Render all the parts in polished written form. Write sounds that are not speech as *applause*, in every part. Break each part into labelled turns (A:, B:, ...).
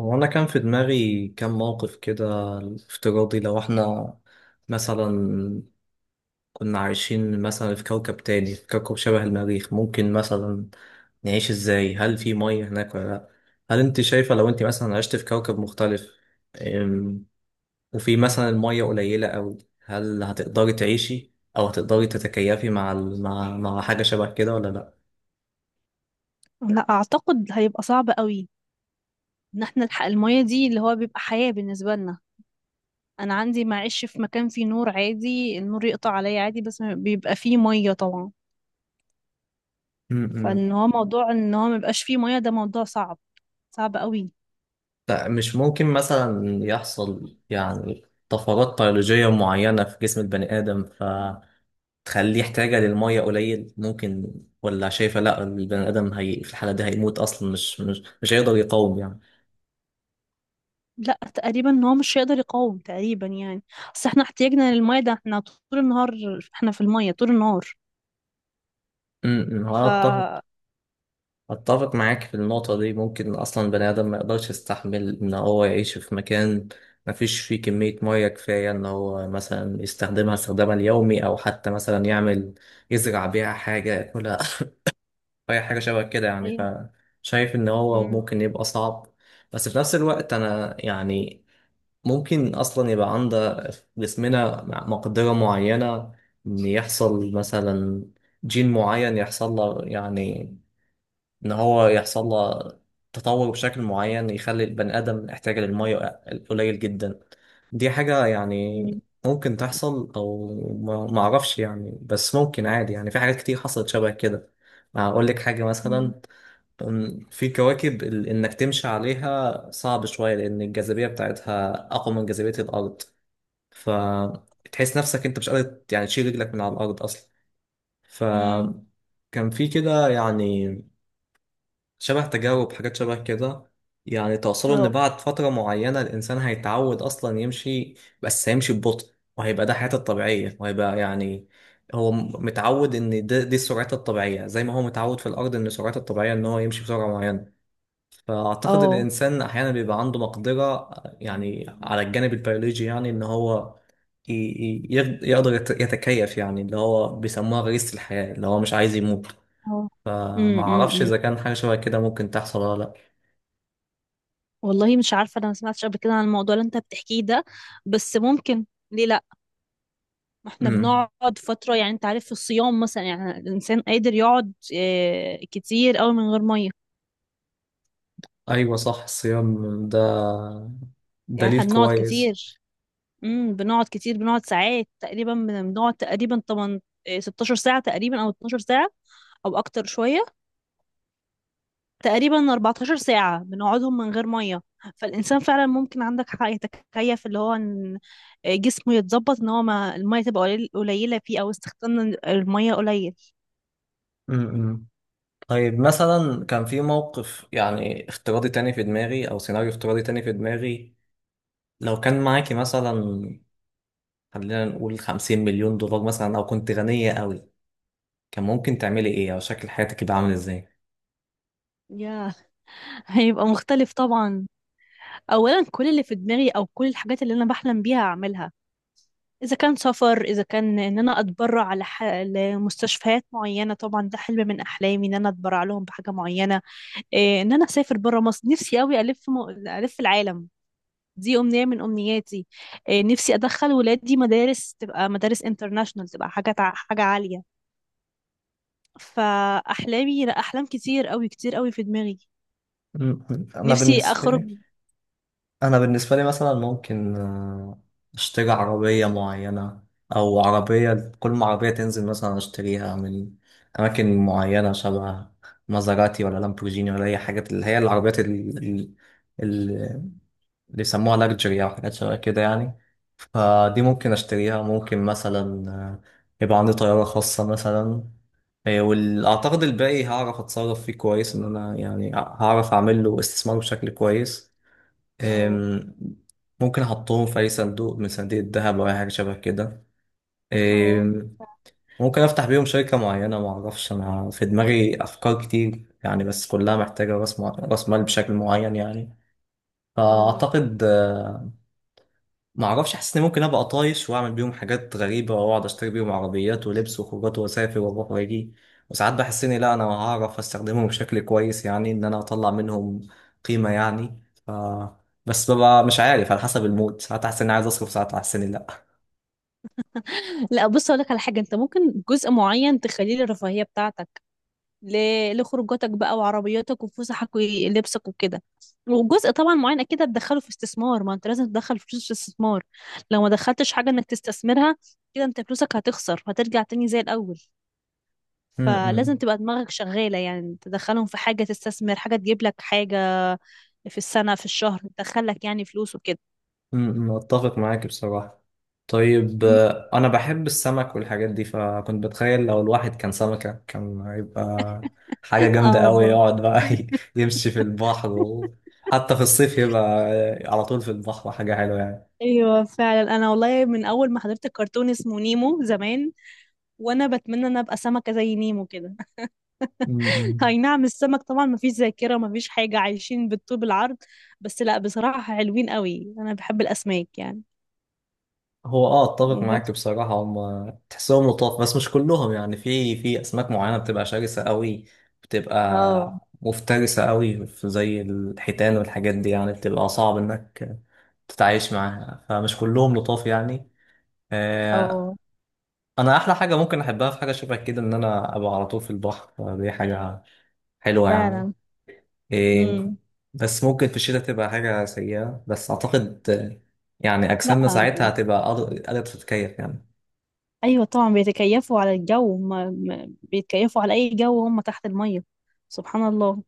A: هو أنا كان في دماغي كام موقف كده افتراضي. لو احنا مثلا كنا عايشين مثلا في كوكب تاني، في كوكب شبه المريخ، ممكن مثلا نعيش ازاي؟ هل في مية هناك ولا لأ؟ هل انت شايفة لو انت مثلا عشت في كوكب مختلف، أم، وفي مثلا المية قليلة أوي، هل هتقدري تعيشي أو هتقدري تتكيفي مع ال- مع مع حاجة شبه كده ولا لأ؟
B: لا اعتقد هيبقى صعب قوي ان احنا نلحق المية دي اللي هو بيبقى حياة بالنسبة لنا. انا عندي معيش في مكان فيه نور عادي، النور يقطع عليا عادي، بس ما بيبقى فيه مية طبعا.
A: م-
B: فان
A: م.
B: هو موضوع ان هو مبقاش فيه مية ده موضوع صعب قوي.
A: لا، مش ممكن مثلا يحصل يعني طفرات بيولوجية معينة في جسم البني آدم فتخليه احتياجه للمية قليل؟ ممكن، ولا شايفة لا، البني آدم هي في الحالة دي هيموت أصلا، مش هيقدر يقاوم يعني.
B: لا تقريبا ان هو مش هيقدر يقاوم تقريبا يعني. اصل احنا احتياجنا للمية ده، احنا طول النهار احنا في المية طول النهار.
A: هو أنا
B: ف
A: أتفق، أتفق معاك في النقطة دي. ممكن أصلا البني آدم ما يقدرش يستحمل إن هو يعيش في مكان ما فيش فيه كمية مية كفاية إن هو مثلا يستخدمها استخدامها اليومي، أو حتى مثلا يعمل يزرع بيها حاجة ياكلها، اي حاجه شبه كده يعني.
B: ايوه.
A: فشايف ان هو
B: امم.
A: ممكن يبقى صعب. بس في نفس الوقت انا يعني ممكن اصلا يبقى عند جسمنا مقدره معينه ان يحصل مثلا جين معين، يحصل له يعني، ان هو يحصل له تطور بشكل معين يخلي البني ادم يحتاج للميه قليل جدا. دي حاجه يعني
B: امم.
A: ممكن تحصل، او ما اعرفش يعني، بس ممكن عادي يعني، في حاجات كتير حصلت شبه كده. اقول لك حاجه مثلا، في كواكب انك تمشي عليها صعب شوية لان الجاذبية بتاعتها اقوى من جاذبية الارض، فتحس نفسك انت مش قادر يعني تشيل رجلك من على الارض اصلا.
B: امم.
A: فكان في كده يعني شبه تجارب، حاجات شبه كده، يعني توصلوا ان
B: اه.
A: بعد فترة معينة الانسان هيتعود اصلا يمشي، بس هيمشي ببطء، وهيبقى ده حياته الطبيعية، وهيبقى يعني هو متعود ان ده دي سرعته الطبيعية، زي ما هو متعود في الارض ان سرعته الطبيعية ان هو يمشي بسرعة معينة. فأعتقد
B: اه.
A: الإنسان أحيانا بيبقى عنده مقدرة يعني على الجانب البيولوجي، يعني إن هو يقدر يتكيف، يعني اللي هو بيسموها غريزة الحياة، اللي هو مش عايز يموت.
B: اه. امم،
A: فما
B: إمم،
A: أعرفش
B: إمم.
A: إذا كان حاجة شبه كده ممكن تحصل ولا لأ.
B: والله مش عارفة، أنا ما سمعتش قبل كده عن الموضوع اللي أنت بتحكيه ده. بس ممكن، ليه لأ؟ ما احنا
A: امم،
B: بنقعد فترة، يعني أنت عارف في الصيام مثلا، يعني الإنسان قادر يقعد كتير أوي من غير مية.
A: أيوة صح، الصيام ده
B: يعني
A: دليل
B: احنا بنقعد
A: كويس.
B: كتير. بنقعد كتير، بنقعد ساعات تقريبا، بنقعد تقريبا 8 16 ساعة تقريبا، أو 12 ساعة، أو أكتر شوية، تقريبا 14 ساعة بنقعدهم من غير مية. فالإنسان فعلا، ممكن عندك حق، يتكيف اللي هو إن جسمه يتظبط، إن هو ما المية تبقى قليلة فيه، أو استخدام المية قليل.
A: امم. طيب مثلا كان في موقف يعني افتراضي تاني في دماغي، أو سيناريو افتراضي تاني في دماغي، لو كان معاكي مثلا، خلينا نقول 50 مليون دولار مثلا، او كنت غنية قوي، كان ممكن تعملي ايه، او شكل حياتك يبقى عامل ازاي؟
B: ياه، هيبقى مختلف طبعا. أولا كل اللي في دماغي أو كل الحاجات اللي أنا بحلم بيها أعملها. إذا كان سفر، إذا كان إن أنا أتبرع لمستشفيات معينة، طبعا ده حلم من أحلامي إن أنا أتبرع لهم بحاجة معينة. إيه، إن أنا أسافر برا مصر، نفسي أوي ألف العالم، دي أمنية من أمنياتي. نفسي أدخل ولادي مدارس، تبقى مدارس انترناشونال، تبقى حاجة عالية. فأحلامي، لا، أحلام كتير أوي كتير أوي في دماغي.
A: انا
B: نفسي
A: بالنسبه
B: أخرج.
A: لي، انا بالنسبه لي مثلا ممكن اشتري عربيه معينه، او عربيه كل ما عربيه تنزل مثلا اشتريها، من اماكن معينه شبه مازراتي ولا لامبورجيني، ولا اي حاجات اللي هي العربيات اللي بيسموها لاكجري او حاجات شبه كده يعني. فدي ممكن اشتريها. ممكن مثلا يبقى عندي طياره خاصه مثلا. إيه، واعتقد الباقي هعرف اتصرف فيه كويس، ان انا يعني هعرف اعمل له استثمار بشكل كويس.
B: اه.
A: أم، ممكن احطهم في اي صندوق من صناديق الذهب او اي حاجه شبه كده.
B: اه.
A: أم، ممكن افتح بيهم شركه معينه. ما اعرفش، انا في دماغي افكار كتير يعني، بس كلها محتاجه راس مال بشكل معين يعني.
B: مم.
A: فاعتقد ما اعرفش، حاسس اني ممكن ابقى طايش واعمل بيهم حاجات غريبه، واقعد اشتري بيهم عربيات ولبس وخروجات واسافر واروح واجي، وساعات بحس اني لا، انا هعرف استخدمهم بشكل كويس يعني، ان انا اطلع منهم قيمه يعني. ف بس ببقى مش عارف، على حسب المود، ساعات احس اني عايز اصرف، ساعات احس اني لا.
B: لا بص، اقول لك على حاجه، انت ممكن جزء معين تخليه للرفاهيه بتاعتك، لخروجاتك بقى وعربياتك وفسحك ولبسك وكده. وجزء طبعا معين اكيد هتدخله في استثمار، ما انت لازم تدخل فلوس في استثمار. لو ما دخلتش حاجة انك تستثمرها، كده انت فلوسك هتخسر وهترجع تاني زي الاول.
A: م- م.
B: فلازم تبقى دماغك شغالة، يعني تدخلهم في حاجة، تستثمر حاجة تجيب لك حاجة في السنة في الشهر تدخلك يعني فلوس وكده.
A: أتفق معاك بصراحة. طيب
B: مم.
A: أنا بحب السمك والحاجات دي، فكنت بتخيل لو الواحد كان سمكة كان هيبقى حاجة
B: *laughs* اه
A: جامدة أوي.
B: والله.
A: يقعد بقى *laughs* يمشي في البحر حتى في الصيف يبقى على طول في البحر، حاجة حلوة يعني.
B: ايوه فعلا، انا والله من اول ما حضرت الكرتون اسمه نيمو زمان، وانا بتمنى ان أنا ابقى سمكة زي نيمو كده.
A: أمم.
B: اي نعم، السمك طبعا مفيش ذاكرة، مفيش حاجة، عايشين بالطوب العرض. بس لا، بصراحة حلوين قوي، انا بحب الاسماك يعني.
A: هو اه اتفق معاك
B: بس.
A: بصراحة، هم تحسهم لطاف بس مش كلهم يعني. في في اسماك معينة بتبقى شرسة قوي،
B: اه.
A: بتبقى مفترسة قوي، زي الحيتان والحاجات دي يعني، بتبقى صعب انك تتعايش معاها، فمش كلهم لطاف يعني.
B: اه
A: آه، انا احلى حاجة ممكن احبها في حاجة شبه كده، ان انا ابقى على طول في البحر، فدي حاجة حلوة يعني.
B: فعلا.
A: إيه.
B: امم.
A: بس ممكن في الشتاء تبقى حاجة سيئة، بس أعتقد يعني أجسامنا
B: لا.
A: ساعتها هتبقى قادرة تتكيف يعني.
B: ايوه طبعا، بيتكيفوا على الجو هم، بيتكيفوا على اي جو، هم تحت المية. سبحان الله.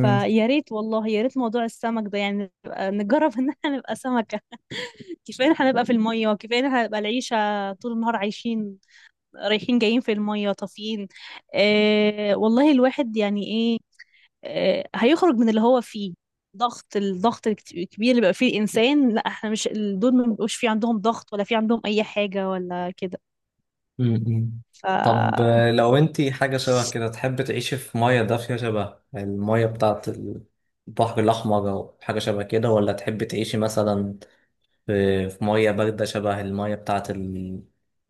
B: فيا ريت والله، يا ريت موضوع السمك ده، يعني نبقى نجرب ان احنا نبقى سمكة. *laughs* كفاية ان احنا نبقى في المية، وكفاية ان احنا نبقى العيشة طول النهار عايشين، رايحين جايين في المية طافيين. آه والله، الواحد يعني ايه. آه، هيخرج من اللي هو فيه، ضغط، الضغط الكبير اللي بقى فيه الإنسان. لا، احنا مش دول، ما بيبقوش في عندهم ضغط، ولا في عندهم أي حاجة ولا كده.
A: م-م.
B: ف
A: طب لو انتي حاجة شبه كده، تحب تعيشي في مية دافية شبه المية بتاعت البحر الأحمر أو حاجة شبه كده، ولا تحب تعيشي مثلا في مية باردة شبه المية بتاعت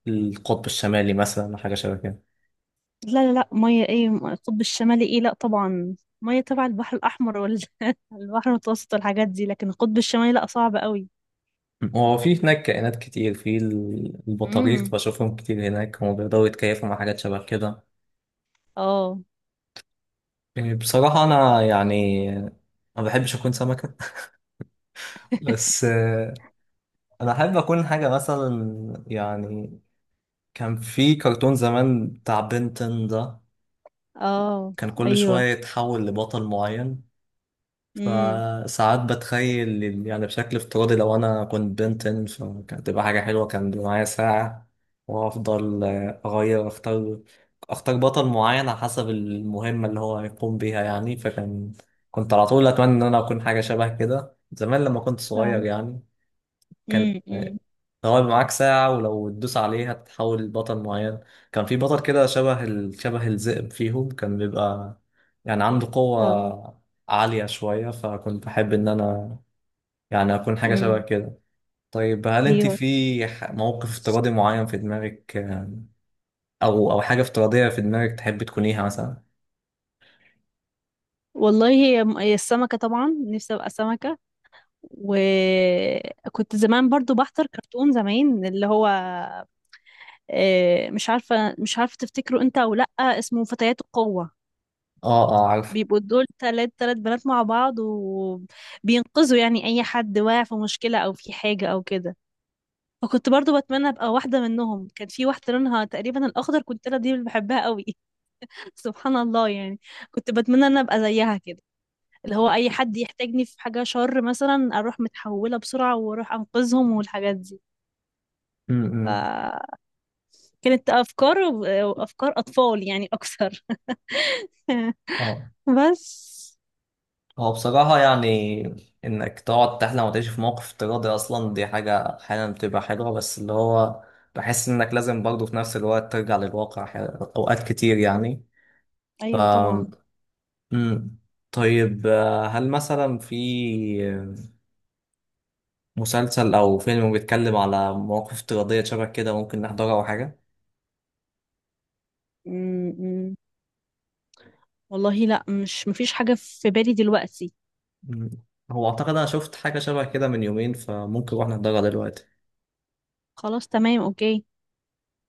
A: القطب الشمالي مثلا، حاجة شبه كده؟
B: لا لا لا، مية ايه القطب الشمالي، ايه لا طبعا. مية تبع البحر الأحمر ولا *laughs* البحر المتوسط والحاجات دي، لكن القطب الشمالي لا، صعب قوي.
A: م. هو في هناك كائنات كتير، البطاريق
B: امم.
A: بشوفهم كتير هناك، هم بيقدروا يتكيفوا مع حاجات شبه كده.
B: اه.
A: بصراحة أنا يعني ما بحبش أكون سمكة *laughs*
B: *laughs*
A: بس أنا أحب أكون حاجة مثلا يعني، كان في كرتون زمان بتاع بنتن ده،
B: اه.
A: كان كل شوية
B: ايوه.
A: يتحول لبطل معين.
B: امم.
A: فساعات بتخيل يعني بشكل افتراضي لو أنا كنت بنتن، فكانت تبقى حاجة حلوة. كان بيبقى معايا ساعة، وأفضل آه، أغير أختار أختار بطل معين على حسب المهمة اللي هو هيقوم بيها يعني. فكان كنت على طول أتمنى إن أنا أكون حاجة شبه كده زمان لما كنت صغير يعني. كان
B: امم.
A: هو يبقى معاك ساعة، ولو تدوس عليه هتتحول لبطل معين. كان في بطل كده شبه شبه الذئب فيهم، كان بيبقى يعني عنده
B: اه.
A: قوة عالية شوية، فكنت بحب إن أنا يعني أكون حاجة شبه
B: امم.
A: كده. طيب هل أنت
B: ايوه
A: في موقف افتراضي معين في دماغك أو حاجة افتراضية في دماغك تحب تكونيها مثلا؟
B: والله، هي هي السمكة، طبعا نفسي ابقى سمكة. وكنت زمان برضو بحضر كرتون زمان اللي هو، مش عارفة تفتكره انت او لأ، اسمه فتيات القوة.
A: آه آه عارف.
B: بيبقوا دول، تلات تلات بنات مع بعض، وبينقذوا يعني اي حد واقع في مشكلة او في حاجة او كده. فكنت برضو بتمنى ابقى واحدة منهم. كان في واحدة لونها تقريبا الاخضر، كنت انا دي اللي بحبها قوي. *laughs* سبحان الله يعني، كنت بتمنى ان أنا ابقى زيها كده، اللي هو اي حد يحتاجني في حاجة شر مثلا، اروح متحولة بسرعة واروح انقذهم والحاجات دي.
A: م- م.
B: فكانت افكار افكار اطفال يعني اكثر.
A: آه،
B: *laughs* بس.
A: هو بصراحة يعني إنك تقعد تحلم وتعيش في موقف افتراضي أصلا، دي حاجة أحيانا بتبقى حلوة، بس اللي هو بحس إنك لازم برضه في نفس الوقت ترجع للواقع، أوقات كتير يعني. ف
B: ايوه طبعا.
A: مم. طيب هل مثلا في مسلسل أو فيلم بيتكلم على مواقف افتراضية شبه كده، ممكن نحضرها أو حاجة؟
B: م. والله لا، مش مفيش حاجة في بالي دلوقتي.
A: مم. هو أعتقد أنا شفت حاجة شبه كده من يومين، فممكن نروح نحضرها دلوقتي.
B: خلاص، تمام، اوكي.